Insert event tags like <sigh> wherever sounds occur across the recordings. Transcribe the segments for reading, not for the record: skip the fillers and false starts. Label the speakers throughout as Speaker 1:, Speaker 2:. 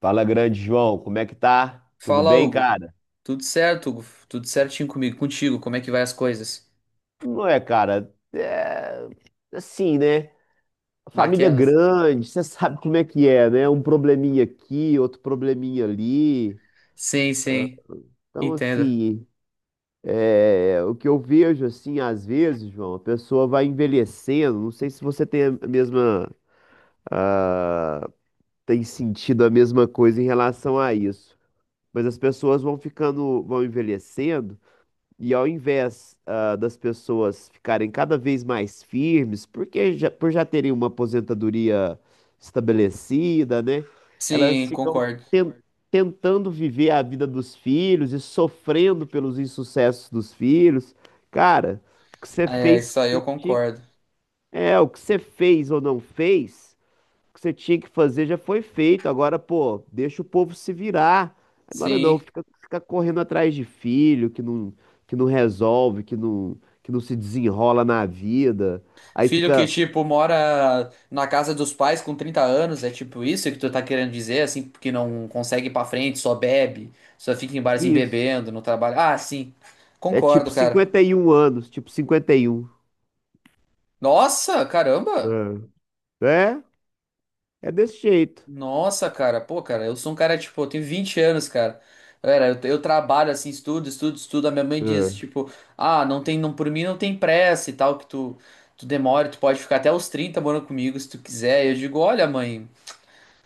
Speaker 1: Fala, grande João, como é que tá? Tudo
Speaker 2: Fala,
Speaker 1: bem,
Speaker 2: Hugo.
Speaker 1: cara?
Speaker 2: Tudo certo, Hugo? Tudo certinho comigo, contigo? Como é que vai as coisas?
Speaker 1: Não é, cara? É assim, né? A família é
Speaker 2: Naquelas?
Speaker 1: grande, você <laughs> sabe como é que é, né? Um probleminha aqui, outro probleminha ali.
Speaker 2: Sim, sim,
Speaker 1: Então,
Speaker 2: entendo.
Speaker 1: assim, o que eu vejo, assim, às vezes, João, a pessoa vai envelhecendo. Não sei se você tem a mesma, tem sentido a mesma coisa em relação a isso, mas as pessoas vão ficando, vão envelhecendo. E ao invés, das pessoas ficarem cada vez mais firmes, porque já, por já terem uma aposentadoria estabelecida, né? Elas
Speaker 2: Sim,
Speaker 1: ficam
Speaker 2: concordo.
Speaker 1: ten- tentando viver a vida dos filhos e sofrendo pelos insucessos dos filhos. Cara, o que você
Speaker 2: É,
Speaker 1: fez, o
Speaker 2: isso
Speaker 1: que
Speaker 2: aí
Speaker 1: você
Speaker 2: eu
Speaker 1: tinha-
Speaker 2: concordo.
Speaker 1: o que você fez ou não fez que você tinha que fazer já foi feito. Agora, pô, deixa o povo se virar. Agora não,
Speaker 2: Sim.
Speaker 1: fica correndo atrás de filho que não resolve, que não se desenrola na vida. Aí
Speaker 2: Filho que,
Speaker 1: fica
Speaker 2: tipo, mora na casa dos pais com 30 anos, é tipo isso que tu tá querendo dizer, assim, porque não consegue ir pra frente, só bebe, só fica em barzinho
Speaker 1: isso.
Speaker 2: bebendo, no trabalho. Ah, sim.
Speaker 1: É tipo
Speaker 2: Concordo, cara.
Speaker 1: 51 anos, tipo 51.
Speaker 2: Nossa, caramba!
Speaker 1: É, é, é desse jeito.
Speaker 2: Nossa, cara, pô, cara, eu sou um cara, tipo, eu tenho 20 anos, cara. Galera, eu trabalho assim, estudo, estudo, estudo. A minha mãe
Speaker 1: É.
Speaker 2: diz, tipo, ah, não tem, não, por mim não tem pressa e tal, que tu demora, tu pode ficar até os 30 morando comigo se tu quiser. E eu digo, olha, mãe,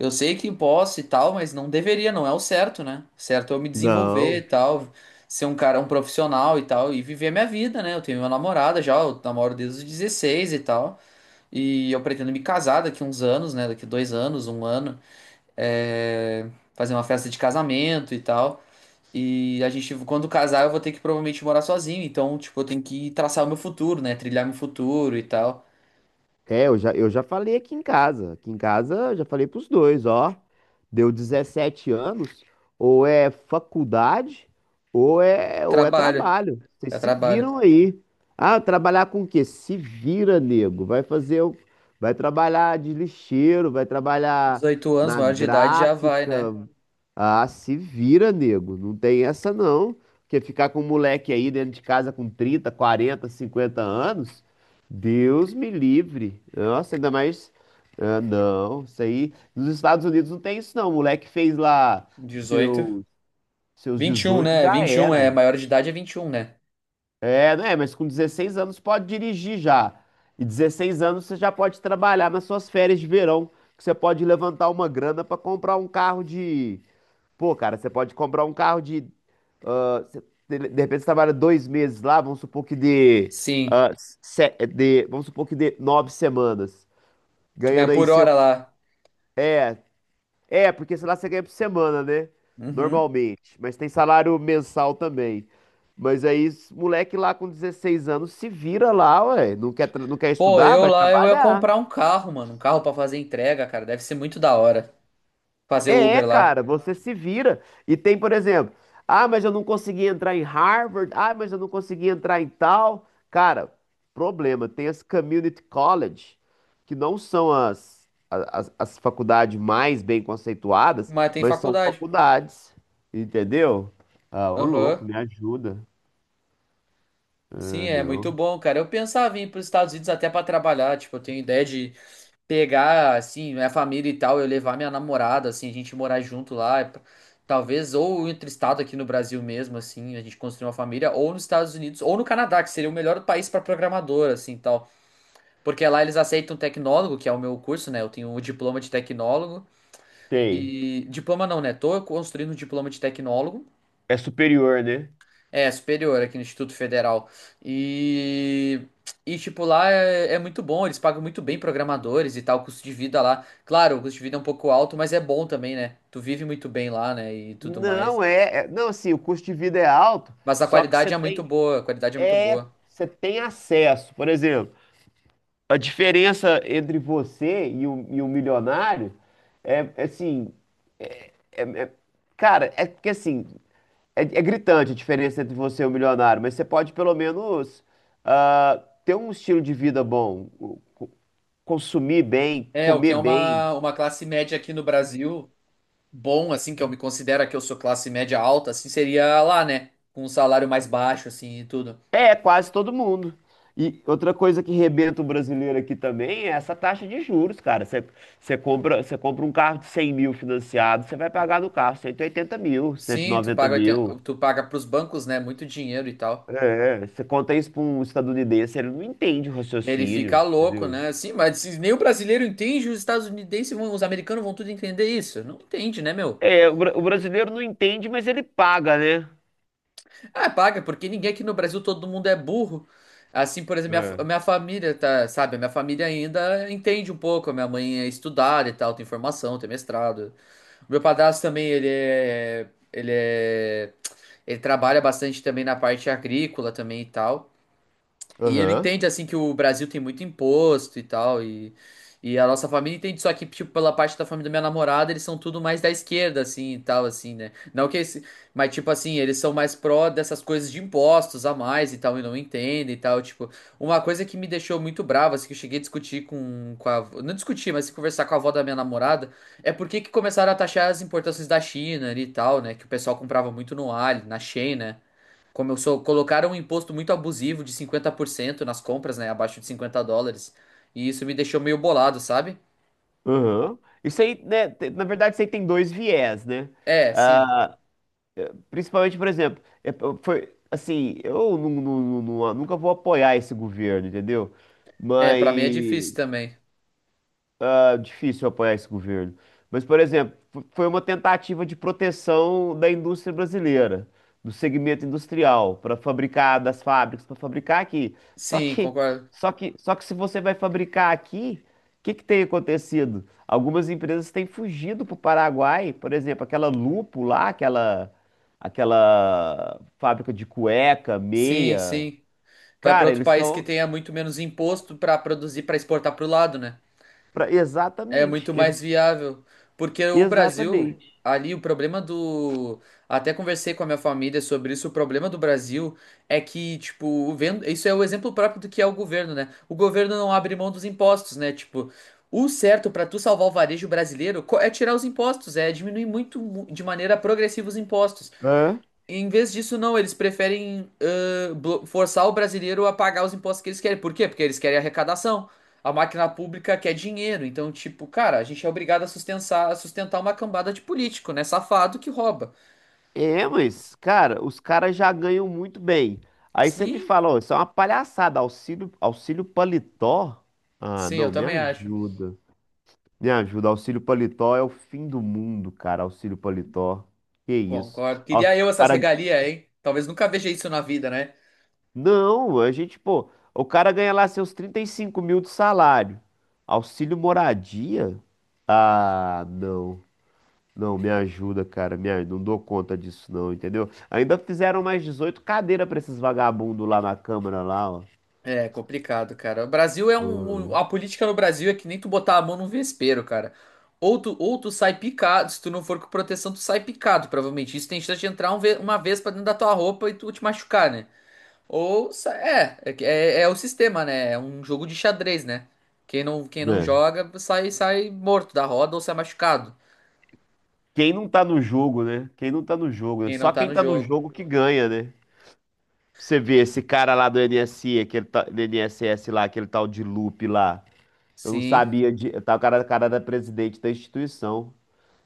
Speaker 2: eu sei que posso e tal, mas não deveria, não é o certo, né? O certo é eu me desenvolver
Speaker 1: Não.
Speaker 2: e tal, ser um cara, um profissional e tal, e viver a minha vida, né? Eu tenho minha namorada já, eu namoro desde os 16 e tal. E eu pretendo me casar daqui uns anos, né? Daqui 2 anos, um ano é, fazer uma festa de casamento e tal. E a gente, quando casar, eu vou ter que provavelmente morar sozinho. Então, tipo, eu tenho que traçar o meu futuro, né? Trilhar meu futuro e tal.
Speaker 1: É, eu já falei aqui em casa. Aqui em casa eu já falei pros dois, ó. Deu 17 anos, ou é faculdade, ou é
Speaker 2: Trabalho,
Speaker 1: trabalho. Vocês
Speaker 2: já
Speaker 1: se
Speaker 2: trabalho.
Speaker 1: viram aí. Ah, trabalhar com o quê? Se vira, nego. Vai trabalhar de lixeiro, vai trabalhar
Speaker 2: 18 anos,
Speaker 1: na
Speaker 2: maior de idade já vai,
Speaker 1: gráfica.
Speaker 2: né?
Speaker 1: Ah, se vira, nego. Não tem essa não. Porque ficar com um moleque aí dentro de casa com 30, 40, 50 anos, Deus me livre. Nossa, ainda mais. Ah, não, isso aí. Nos Estados Unidos não tem isso, não. O moleque fez lá
Speaker 2: Dezoito,
Speaker 1: seu, seus
Speaker 2: 21,
Speaker 1: 18,
Speaker 2: né?
Speaker 1: já
Speaker 2: 21 é,
Speaker 1: era.
Speaker 2: maior de idade é 21, né?
Speaker 1: É, né? Mas com 16 anos pode dirigir já. E 16 anos você já pode trabalhar nas suas férias de verão, que você pode levantar uma grana pra comprar um carro de. Pô, cara, você pode comprar um carro de. ah, você- de repente você trabalha 2 meses lá, vamos supor que dê.
Speaker 2: Sim.
Speaker 1: ah, vamos supor que dê 9 semanas.
Speaker 2: Tu
Speaker 1: Ganhando
Speaker 2: ganha
Speaker 1: aí
Speaker 2: por
Speaker 1: seu.
Speaker 2: hora lá.
Speaker 1: É, porque sei lá você ganha por semana, né?
Speaker 2: Uhum.
Speaker 1: Normalmente. Mas tem salário mensal também. Mas aí, esse moleque lá com 16 anos se vira lá, ué. Não quer
Speaker 2: Pô,
Speaker 1: estudar?
Speaker 2: eu
Speaker 1: Vai
Speaker 2: lá, eu ia
Speaker 1: trabalhar.
Speaker 2: comprar um carro, mano. Um carro pra fazer entrega, cara. Deve ser muito da hora fazer o
Speaker 1: É,
Speaker 2: Uber lá.
Speaker 1: cara, você se vira. E tem, por exemplo, ah, mas eu não consegui entrar em Harvard, ah, mas eu não consegui entrar em tal. Cara, problema, tem as community college, que não são as faculdades mais bem conceituadas,
Speaker 2: Mas tem
Speaker 1: mas são
Speaker 2: faculdade.
Speaker 1: faculdades, entendeu? Ah, ô louco,
Speaker 2: Aham.
Speaker 1: me ajuda.
Speaker 2: Sim,
Speaker 1: Ah,
Speaker 2: é muito
Speaker 1: não.
Speaker 2: bom, cara. Eu pensava em ir para os Estados Unidos até para trabalhar. Tipo, eu tenho ideia de pegar, assim, minha família e tal, eu levar minha namorada, assim, a gente morar junto lá. Talvez, ou entre estado aqui no Brasil mesmo, assim, a gente construir uma família, ou nos Estados Unidos, ou no Canadá, que seria o melhor país para programador, assim, tal. Porque lá eles aceitam tecnólogo, que é o meu curso, né? Eu tenho o diploma de tecnólogo.
Speaker 1: Tem.
Speaker 2: E. Diploma não, né? Tô construindo um diploma de tecnólogo.
Speaker 1: É superior, né?
Speaker 2: É, superior aqui no Instituto Federal. E, e tipo, lá é muito bom, eles pagam muito bem programadores e tal, o custo de vida lá. Claro, o custo de vida é um pouco alto, mas é bom também, né? Tu vive muito bem lá, né? E tudo mais.
Speaker 1: Não assim, o custo de vida é alto,
Speaker 2: Mas a
Speaker 1: só que você
Speaker 2: qualidade é muito
Speaker 1: tem
Speaker 2: boa, a qualidade é muito boa.
Speaker 1: você tem acesso. Por exemplo, a diferença entre você e e o milionário é assim, é- é- cara, é porque assim, é gritante a diferença entre você e o milionário, mas você pode pelo menos ah, ter um estilo de vida bom, co- consumir bem,
Speaker 2: É, o que
Speaker 1: comer
Speaker 2: é
Speaker 1: bem.
Speaker 2: uma classe média aqui no Brasil, bom, assim, que eu me considero que eu sou classe média alta, assim, seria lá, né? Com um salário mais baixo, assim, e tudo.
Speaker 1: É, quase todo mundo. E outra coisa que rebenta o brasileiro aqui também é essa taxa de juros, cara. Você compra um carro de 100 mil financiado, você vai pagar no carro 180 mil, cento e
Speaker 2: Sim, tu
Speaker 1: noventa
Speaker 2: paga,
Speaker 1: mil.
Speaker 2: tu paga pros bancos, né? Muito dinheiro e tal.
Speaker 1: É, você conta isso para um estadunidense, ele não entende o
Speaker 2: Ele
Speaker 1: raciocínio,
Speaker 2: fica louco,
Speaker 1: entendeu?
Speaker 2: né? Sim, mas se nem o brasileiro entende, os estadunidenses vão, os americanos vão tudo entender isso. Não entende, né, meu?
Speaker 1: É, o brasileiro não entende, mas ele paga, né?
Speaker 2: Ah, paga, porque ninguém aqui no Brasil, todo mundo é burro. Assim, por exemplo,
Speaker 1: É.
Speaker 2: minha família tá, sabe? A minha família ainda entende um pouco. A minha mãe é estudada e tal, tem formação, tem mestrado. O meu padrasto também, ele é, ele trabalha bastante também na parte agrícola também e tal. E ele
Speaker 1: Aham,
Speaker 2: entende, assim, que o Brasil tem muito imposto e tal, e a nossa família entende, só que, tipo, pela parte da família da minha namorada, eles são tudo mais da esquerda, assim, e tal, assim, né? Não que esse, mas, tipo, assim, eles são mais pró dessas coisas de impostos a mais e tal, e não entendem e tal, tipo, uma coisa que me deixou muito bravo, assim, que eu cheguei a discutir com a, não discutir, mas conversar com a avó da minha namorada, é por que que começaram a taxar as importações da China ali e tal, né? Que o pessoal comprava muito no Ali, na Shein, né? Começou, colocaram um imposto muito abusivo de 50% nas compras, né? Abaixo de 50 dólares. E isso me deixou meio bolado, sabe?
Speaker 1: aham. Na verdade, isso aí tem dois viés, né?
Speaker 2: É, sim.
Speaker 1: Principalmente, por exemplo, foi assim, eu nunca vou apoiar esse governo, entendeu?
Speaker 2: É,
Speaker 1: Mas
Speaker 2: pra mim é difícil também.
Speaker 1: difícil apoiar esse governo. Mas, por exemplo, foi uma tentativa de proteção da indústria brasileira, do segmento industrial, para fabricar das fábricas, para fabricar aqui.
Speaker 2: Sim, concordo.
Speaker 1: Só que se você vai fabricar aqui, o que que tem acontecido? Algumas empresas têm fugido para o Paraguai, por exemplo, aquela Lupo lá, aquela fábrica de cueca,
Speaker 2: Sim,
Speaker 1: meia.
Speaker 2: sim. Vai pra
Speaker 1: Cara,
Speaker 2: outro
Speaker 1: eles
Speaker 2: país que
Speaker 1: estão.
Speaker 2: tenha muito menos imposto pra produzir, pra exportar pro lado, né? É
Speaker 1: Exatamente.
Speaker 2: muito mais
Speaker 1: Eles,
Speaker 2: viável, porque o Brasil,
Speaker 1: exatamente.
Speaker 2: ali o problema do, até conversei com a minha família sobre isso, o problema do Brasil é que, tipo, isso é o exemplo próprio do que é o governo, né? O governo não abre mão dos impostos, né? Tipo, o certo pra tu salvar o varejo brasileiro é tirar os impostos, é diminuir de maneira progressiva os impostos.
Speaker 1: Hã?
Speaker 2: Em vez disso, não, eles preferem forçar o brasileiro a pagar os impostos que eles querem. Por quê? Porque eles querem arrecadação. A máquina pública quer dinheiro. Então, tipo, cara, a gente é obrigado a sustentar uma cambada de político, né? Safado que rouba.
Speaker 1: É, mas, cara, os caras já ganham muito bem. Aí você me
Speaker 2: Sim,
Speaker 1: fala, ó, isso é uma palhaçada, auxílio paletó? Ah,
Speaker 2: sim, eu
Speaker 1: não, me
Speaker 2: também acho.
Speaker 1: ajuda. Me ajuda, auxílio paletó é o fim do mundo, cara, auxílio paletó. Que isso?
Speaker 2: Concordo.
Speaker 1: Ó, o
Speaker 2: Queria eu essas
Speaker 1: cara,
Speaker 2: regalias, hein? Talvez nunca veja isso na vida, né?
Speaker 1: não, a gente, pô, o cara ganha lá seus 35 mil de salário. Auxílio moradia? Ah, não. Não, me ajuda, cara. Não dou conta disso, não, entendeu? Ainda fizeram mais 18 cadeiras pra esses vagabundos lá na Câmara, lá, ó.
Speaker 2: É complicado, cara. O Brasil é um.
Speaker 1: Hum,
Speaker 2: A política no Brasil é que nem tu botar a mão num vespeiro, cara. Ou tu sai picado, se tu não for com proteção, tu sai picado, provavelmente. Isso tem chance de entrar uma vez pra dentro da tua roupa e tu te machucar, né? Ou. Sa- É, é, que- é, é o sistema, né? É um jogo de xadrez, né? Quem não
Speaker 1: né?
Speaker 2: joga sai morto da roda ou sai machucado.
Speaker 1: Quem não tá no jogo, né? Quem não tá no jogo, né?
Speaker 2: Quem não
Speaker 1: Só
Speaker 2: tá
Speaker 1: quem
Speaker 2: no
Speaker 1: tá no
Speaker 2: jogo.
Speaker 1: jogo que ganha, né? Você vê esse cara lá do NSI, do NSS lá, aquele tal de Lupe lá. Eu não
Speaker 2: Sim,
Speaker 1: sabia de. Tá o cara, cara da presidente da instituição.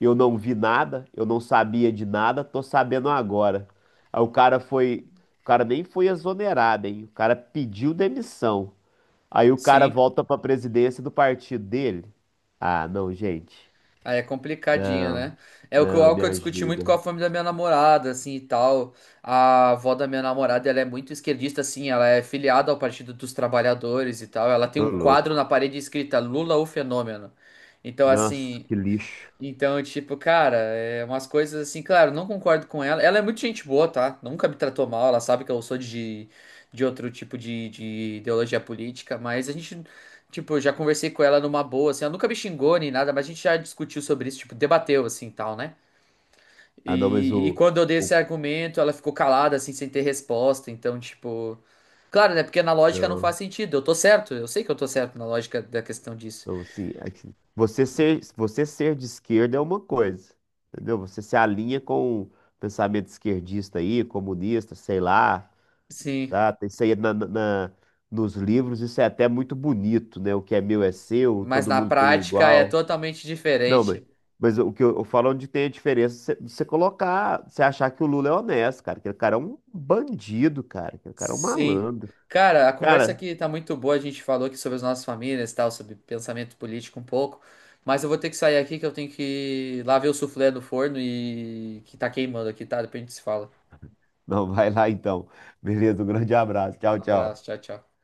Speaker 1: Eu não vi nada, eu não sabia de nada, tô sabendo agora. Aí o cara foi, o cara nem foi exonerado, hein? O cara pediu demissão. Aí o cara
Speaker 2: sim.
Speaker 1: volta pra presidência do partido dele. Ah, não, gente.
Speaker 2: Aí é complicadinho,
Speaker 1: Não,
Speaker 2: né? É o que eu,
Speaker 1: não,
Speaker 2: algo
Speaker 1: me
Speaker 2: que eu discuti muito com
Speaker 1: ajuda.
Speaker 2: a família da minha namorada, assim, e tal. A avó da minha namorada, ela é muito esquerdista, assim, ela é filiada ao Partido dos Trabalhadores e tal. Ela tem
Speaker 1: Ô,
Speaker 2: um quadro na
Speaker 1: louco.
Speaker 2: parede escrita Lula, o fenômeno. Então,
Speaker 1: Nossa,
Speaker 2: assim,
Speaker 1: que lixo.
Speaker 2: então, tipo, cara, é umas coisas assim, claro, não concordo com ela. Ela é muito gente boa, tá? Nunca me tratou mal, ela sabe que eu sou de outro tipo de ideologia política, mas a gente, tipo, já conversei com ela numa boa, assim, ela nunca me xingou nem nada, mas a gente já discutiu sobre isso, tipo, debateu, assim, tal, né?
Speaker 1: Ah, não, mas
Speaker 2: E quando eu dei esse
Speaker 1: o
Speaker 2: argumento, ela ficou calada, assim, sem ter resposta, então, tipo... Claro, né? Porque na lógica não faz
Speaker 1: não,
Speaker 2: sentido, eu tô certo, eu sei que eu tô certo na lógica da questão disso.
Speaker 1: assim, você ser de esquerda é uma coisa, entendeu? Você se alinha com o pensamento esquerdista aí, comunista, sei lá,
Speaker 2: Sim.
Speaker 1: tá? Tem isso aí nos livros, isso é até muito bonito, né? O que é meu é seu,
Speaker 2: Mas
Speaker 1: todo
Speaker 2: na
Speaker 1: mundo tem o
Speaker 2: prática é
Speaker 1: igual.
Speaker 2: totalmente
Speaker 1: Não,
Speaker 2: diferente.
Speaker 1: mas o que eu falo é onde tem a diferença, você colocar, você achar que o Lula é honesto, cara. Aquele cara é um bandido, cara. Aquele cara é um
Speaker 2: Sim.
Speaker 1: malandro.
Speaker 2: Cara, a conversa
Speaker 1: Cara,
Speaker 2: aqui tá muito boa. A gente falou aqui sobre as nossas famílias e tal, sobre pensamento político um pouco. Mas eu vou ter que sair aqui que eu tenho que ir lá ver o suflê no forno e que tá queimando aqui, tá? Depois a gente se fala.
Speaker 1: <laughs> não, vai lá então. Beleza, um grande abraço. Tchau,
Speaker 2: Um
Speaker 1: tchau.
Speaker 2: abraço, tchau, tchau.